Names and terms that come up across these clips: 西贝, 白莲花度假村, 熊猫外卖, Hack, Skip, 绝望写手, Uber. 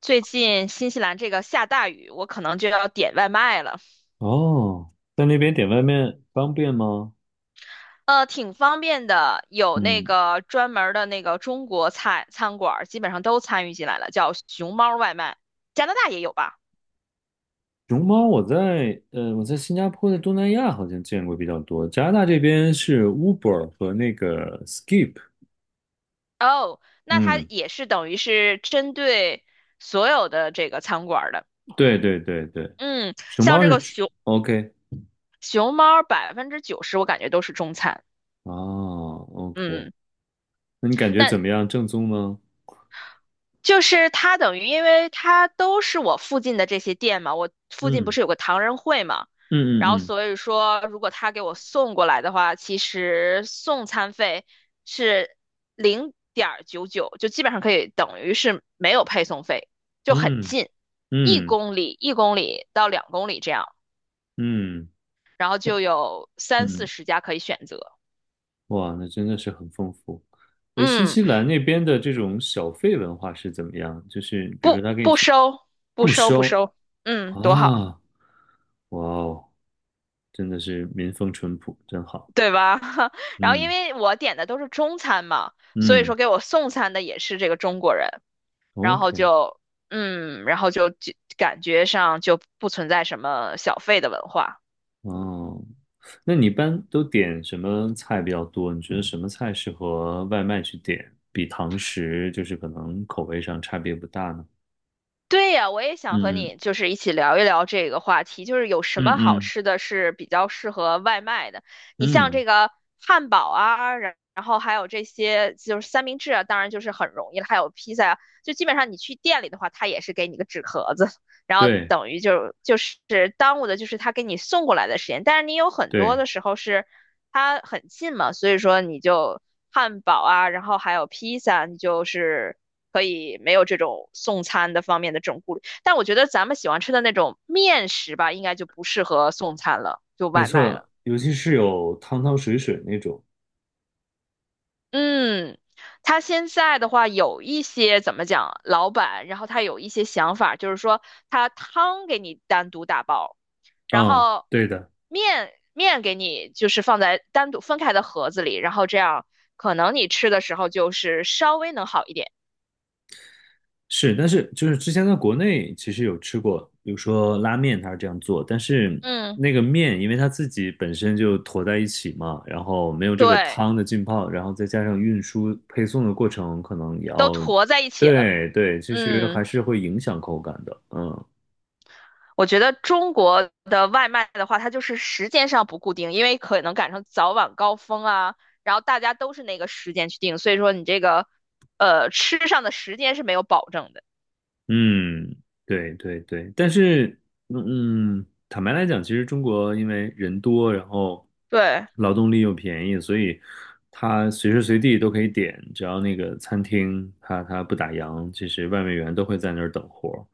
最近新西兰这个下大雨，我可能就要点外卖了。哦，在那边点外卖方便吗？挺方便的，有那嗯，个专门儿的那个中国菜餐馆儿，基本上都参与进来了，叫熊猫外卖。加拿大也有吧？熊猫我在新加坡的东南亚好像见过比较多，加拿大这边是 Uber 和那个 Skip。哦，那它嗯，也是等于是针对所有的这个餐馆儿的。对对对对，嗯，熊像猫这是个吃 熊 OK 熊猫90%，我感觉都是中餐。哦 OK，嗯，那你感觉怎那。么样？正宗吗？就是他等于，因为他都是我附近的这些店嘛，我附近不是有个唐人会嘛，嗯然后嗯所以说，如果他给我送过来的话，其实送餐费是0.99，就基本上可以等于是没有配送费，就很嗯近，一嗯公里一公里到2公里这样，嗯嗯然后就有嗯三嗯。四嗯十家可以选择，哇，那真的是很丰富。诶，新嗯，西兰那边的这种小费文化是怎么样？就是比如说不他给你不送，收不不收不收收，嗯，多好。啊，哇哦，真的是民风淳朴，真好。对吧？然后因嗯为我点的都是中餐嘛，所以嗯说给我送餐的也是这个中国人，然后，OK，就嗯，然后就感觉上就不存在什么小费的文化。哦，那你一般都点什么菜比较多？你觉得什么菜适合外卖去点，比堂食就是可能口味上差别不大呢？对呀，我也想和嗯你就是一起聊一聊这个话题，就是有什嗯么好嗯吃的是比较适合外卖的。你像嗯，这个汉堡啊，然后还有这些就是三明治啊，当然就是很容易了，还有披萨啊，就基本上你去店里的话，它也是给你个纸盒子，然后对等于就是耽误的就是他给你送过来的时间。但是你有很多对。的时候是它很近嘛，所以说你就汉堡啊，然后还有披萨，你就是。可以没有这种送餐的方面的这种顾虑。但我觉得咱们喜欢吃的那种面食吧，应该就不适合送餐了，就没外卖错，了。尤其是有汤汤水水那种。嗯，他现在的话有一些怎么讲，老板，然后他有一些想法，就是说他汤给你单独打包，然嗯，后对的，面给你就是放在单独分开的盒子里，然后这样可能你吃的时候就是稍微能好一点。是，但是就是之前在国内其实有吃过，比如说拉面，它是这样做，但是嗯，那个面因为它自己本身就坨在一起嘛，然后没有这个对，汤的浸泡，然后再加上运输配送的过程，可能也都要，坨在一起了。对对，其实还嗯。是会影响口感的。嗯我觉得中国的外卖的话，它就是时间上不固定，因为可能赶上早晚高峰啊，然后大家都是那个时间去订，所以说你这个吃上的时间是没有保证的。嗯，对对对，但是，嗯，嗯坦白来讲，其实中国因为人多，然后对，劳动力又便宜，所以它随时随地都可以点，只要那个餐厅它不打烊，其实外卖员都会在那儿等活儿，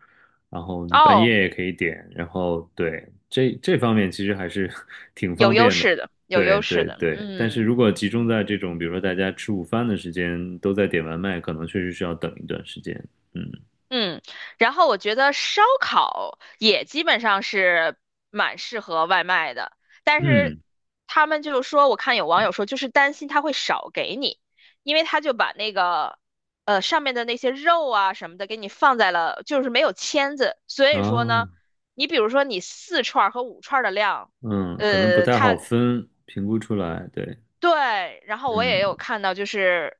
然后你半哦，夜也可以点，然后对，这方面其实还是 挺有方优便的。势的，有对优势对的，对，但是嗯。如果集中在这种，比如说大家吃午饭的时间，都在点外卖，可能确实是要等一段时间。嗯。嗯，然后我觉得烧烤也基本上是蛮适合外卖的，但是嗯他们就说，我看有网友说，就是担心他会少给你，因为他就把那个上面的那些肉啊什么的给你放在了，就是没有签子，所以说呢，啊，你比如说你四串儿和五串儿的量，嗯，可能不呃，太好他分，评估出来，对，对，然后我也有嗯看到，就是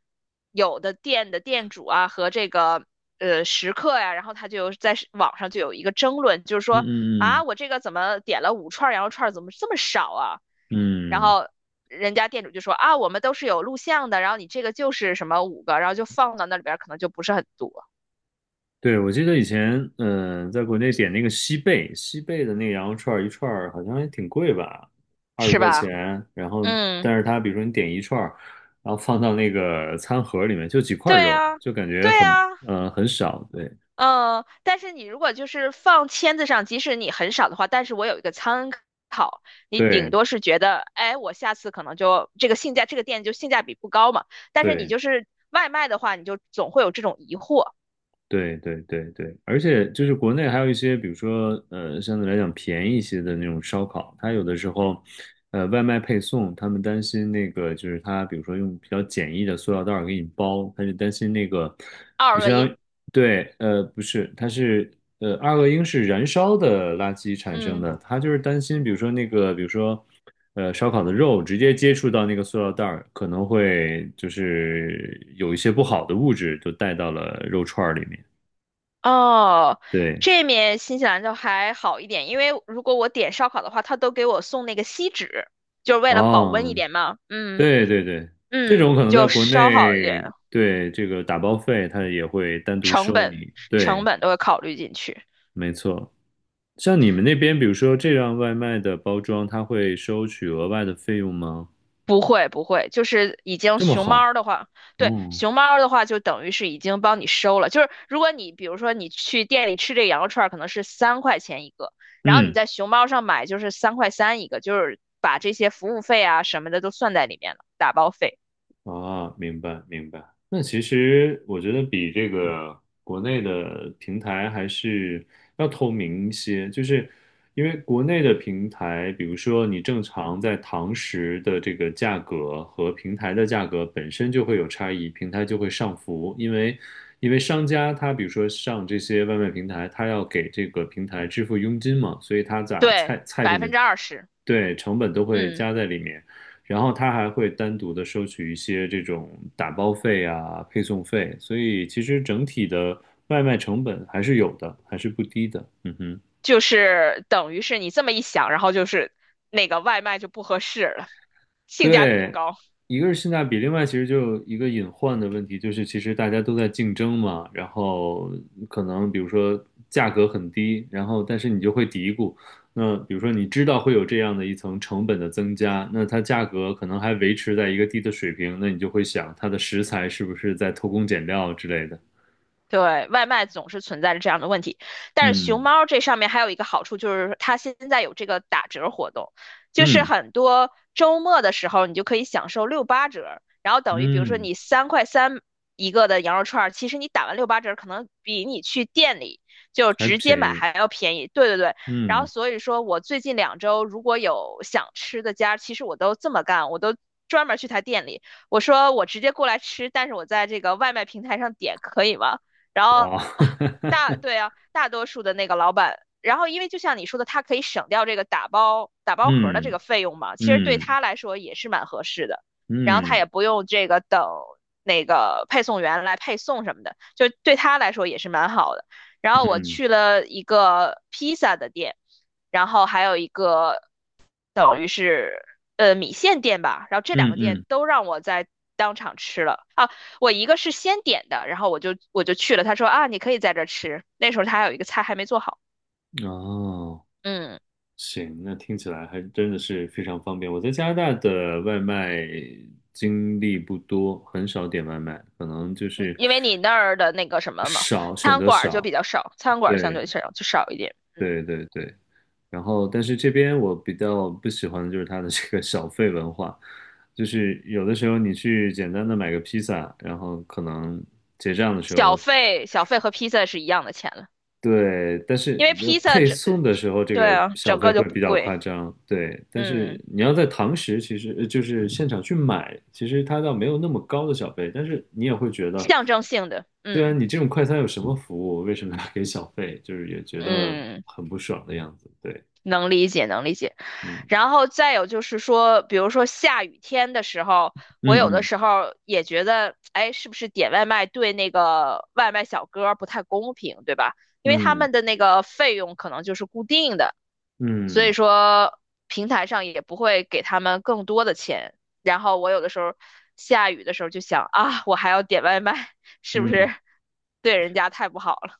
有的店的店主啊和这个食客呀、然后他就有在是网上就有一个争论，就是嗯说啊，我嗯这个怎么点了五串羊肉串，怎么这么少啊？然嗯嗯，后人家店主就说啊，我们都是有录像的，然后你这个就是什么五个，然后就放到那里边，可能就不是很多，对，我记得以前，嗯、在国内点那个西贝，西贝的那个羊肉串儿一串儿好像还挺贵吧，二十是块吧？钱，然后嗯，但是它比如说你点一串儿，然后放到那个餐盒里面就几块对肉，啊，就感觉对很，啊。很少，对但是你如果就是放签子上，即使你很少的话，但是我有一个参考，你顶对多是觉得，哎，我下次可能就这个性价，这个店就性价比不高嘛。但是你对，就是外卖的话，你就总会有这种疑惑。对对对对，而且就是国内还有一些，比如说相对来讲便宜一些的那种烧烤，它有的时候，外卖配送，他们担心那个就是它，比如说用比较简易的塑料袋儿给你包，他就担心那个，二就恶相当于因，对，不是，它是二恶英是燃烧的垃圾产生嗯，的，他就是担心，比如说那个，比如说。烧烤的肉直接接触到那个塑料袋儿，可能会就是有一些不好的物质就带到了肉串儿里面。哦，对，这面新西兰就还好一点，因为如果我点烧烤的话，他都给我送那个锡纸，就是为了保温啊，一点嘛。嗯对对对，这嗯，种可能在就国稍好一点，内，对，这个打包费它也会单独成收本你。成对，本都会考虑进去。没错。像你们那边，比如说这样外卖的包装，它会收取额外的费用吗？不会不会，就是已经这么熊猫儿好，的话，对，哦，熊猫儿的话就等于是已经帮你收了。就是如果你比如说你去店里吃这个羊肉串儿可能是3块钱一个，然后你嗯在熊猫上买就是三块三一个，就是把这些服务费啊什么的都算在里面了，打包费，啊，明白明白。那其实我觉得比这个国内的平台还是要透明一些，就是因为国内的平台，比如说你正常在堂食的这个价格和平台的价格本身就会有差异，平台就会上浮，因为因为商家他比如说上这些外卖平台，他要给这个平台支付佣金嘛，所以他咋对，菜菜百品的分之二十，对，成本都会嗯，加在里面，然后他还会单独的收取一些这种打包费啊、配送费，所以其实整体的外卖成本还是有的，还是不低的。嗯哼。就是等于是你这么一想，然后就是那个外卖就不合适了，性价比不对，高。一个是性价比，另外其实就有一个隐患的问题，就是其实大家都在竞争嘛，然后可能比如说价格很低，然后但是你就会嘀咕，那比如说你知道会有这样的一层成本的增加，那它价格可能还维持在一个低的水平，那你就会想它的食材是不是在偷工减料之类的，对，外卖总是存在着这样的问题，但是熊嗯猫这上面还有一个好处，就是它现在有这个打折活动，就是嗯很多周末的时候你就可以享受六八折，然后等于比如说嗯，你三块三一个的羊肉串儿，其实你打完六八折，可能比你去店里就还直接便买宜，还要便宜。对对对，然后嗯，所以说我最近2周如果有想吃的家，其实我都这么干，我都。专门去他店里，我说我直接过来吃，但是我在这个外卖平台上点可以吗？然后哇，大，对 啊，大多数的那个老板，然后因为就像你说的，他可以省掉这个打包盒的这嗯个费用嘛，其实对嗯他来说也是蛮合适的。然后他嗯也不用这个等那个配送员来配送什么的，就对他来说也是蛮好的。然嗯后我嗯去了一个披萨的店，然后还有一个等于是米线店吧，然后这两嗯个店嗯。都让我在当场吃了啊。我一个是先点的，然后我就去了，他说啊你可以在这吃，那时候他还有一个菜还没做好，哦，嗯，行，那听起来还真的是非常方便。我在加拿大的外卖经历不多，很少点外卖，可能就是因为你那儿的那个什么嘛，少，选餐择馆儿就少。比较少，餐馆儿相对，对少就少一点，嗯，对，对，对。然后，但是这边我比较不喜欢的就是它的这个小费文化，就是有的时候你去简单的买个披萨，然后可能结账的时候小费和披萨是一样的钱了，对，但因是为披萨配整呃送的时候这对个啊小整费个会就不比较贵，夸张，对。但是嗯，你要在堂食，其实就是现场去买，其实它倒没有那么高的小费，但是你也会觉得，象征性的，对啊，嗯你这种快餐有什么服务？为什么要给小费？就是也觉得嗯，很不爽的样子，对，能理解能理解。嗯然后再有就是说，比如说下雨天的时候，我有的嗯时候也觉得，哎，是不是点外卖对那个外卖小哥儿不太公平，对吧？因为他嗯嗯们的那个费用可能就是固定的，所以嗯说平台上也不会给他们更多的钱。然后我有的时候下雨的时候就想啊，我还要点外卖，是不嗯。是对人家太不好了，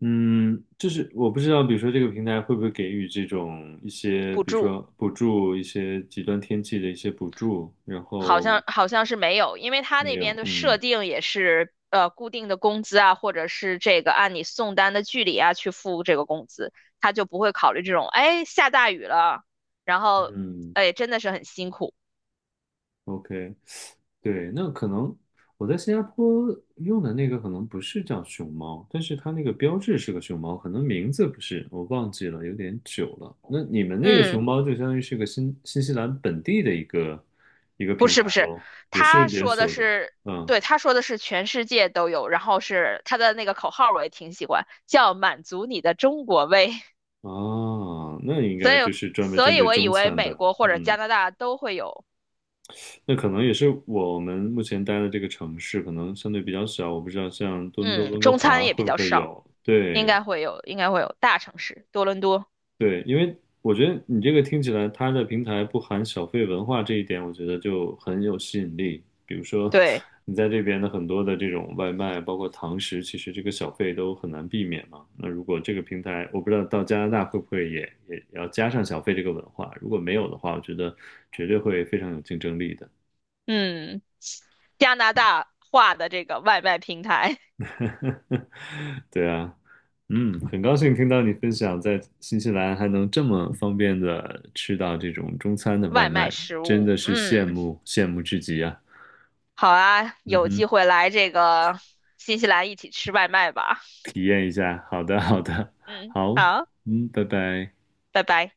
嗯，就是我不知道，比如说这个平台会不会给予这种一些，补比如助。说补助，一些极端天气的一些补助，然好后像好像是没有，因为他没那有，边的设嗯定也是固定的工资啊，或者是这个按你送单的距离啊去付这个工资，他就不会考虑这种，哎，下大雨了，然后嗯哎真的是很辛苦。，OK，对，那可能我在新加坡用的那个可能不是叫熊猫，但是它那个标志是个熊猫，可能名字不是，我忘记了，有点久了。那你们那个熊嗯，猫就相当于是个新西兰本地的一个一个不平是台不是，喽，也是他连说的锁的，是，嗯对，他说的是全世界都有，然后是他的那个口号我也挺喜欢，叫满足你的中国胃，哦，那应 所以该就是专门针对我以中为餐美的，国或者嗯，加拿大都会有，那可能也是我们目前待的这个城市可能相对比较小，我不知道像多伦多、嗯，温哥中餐华也会比不较会少。有，应对，该会有，应该会有大城市，多伦多。对，因为我觉得你这个听起来，它的平台不含小费文化这一点，我觉得就很有吸引力。比如说，对，你在这边的很多的这种外卖，包括堂食，其实这个小费都很难避免嘛。那如果这个平台，我不知道到加拿大会不会也要加上小费这个文化，如果没有的话，我觉得绝对会非常有竞争力的。嗯，加拿大化的这个外卖平台，呵呵呵，对啊，嗯，很高兴听到你分享在新西兰还能这么方便的吃到这种中餐的 外外卖卖，食真物。的是羡嗯，慕羡慕至极啊！好啊，嗯有机哼，会来这个新西兰一起吃外卖吧。体验一下，好的好嗯的，嗯，好，好，嗯，拜拜。拜拜。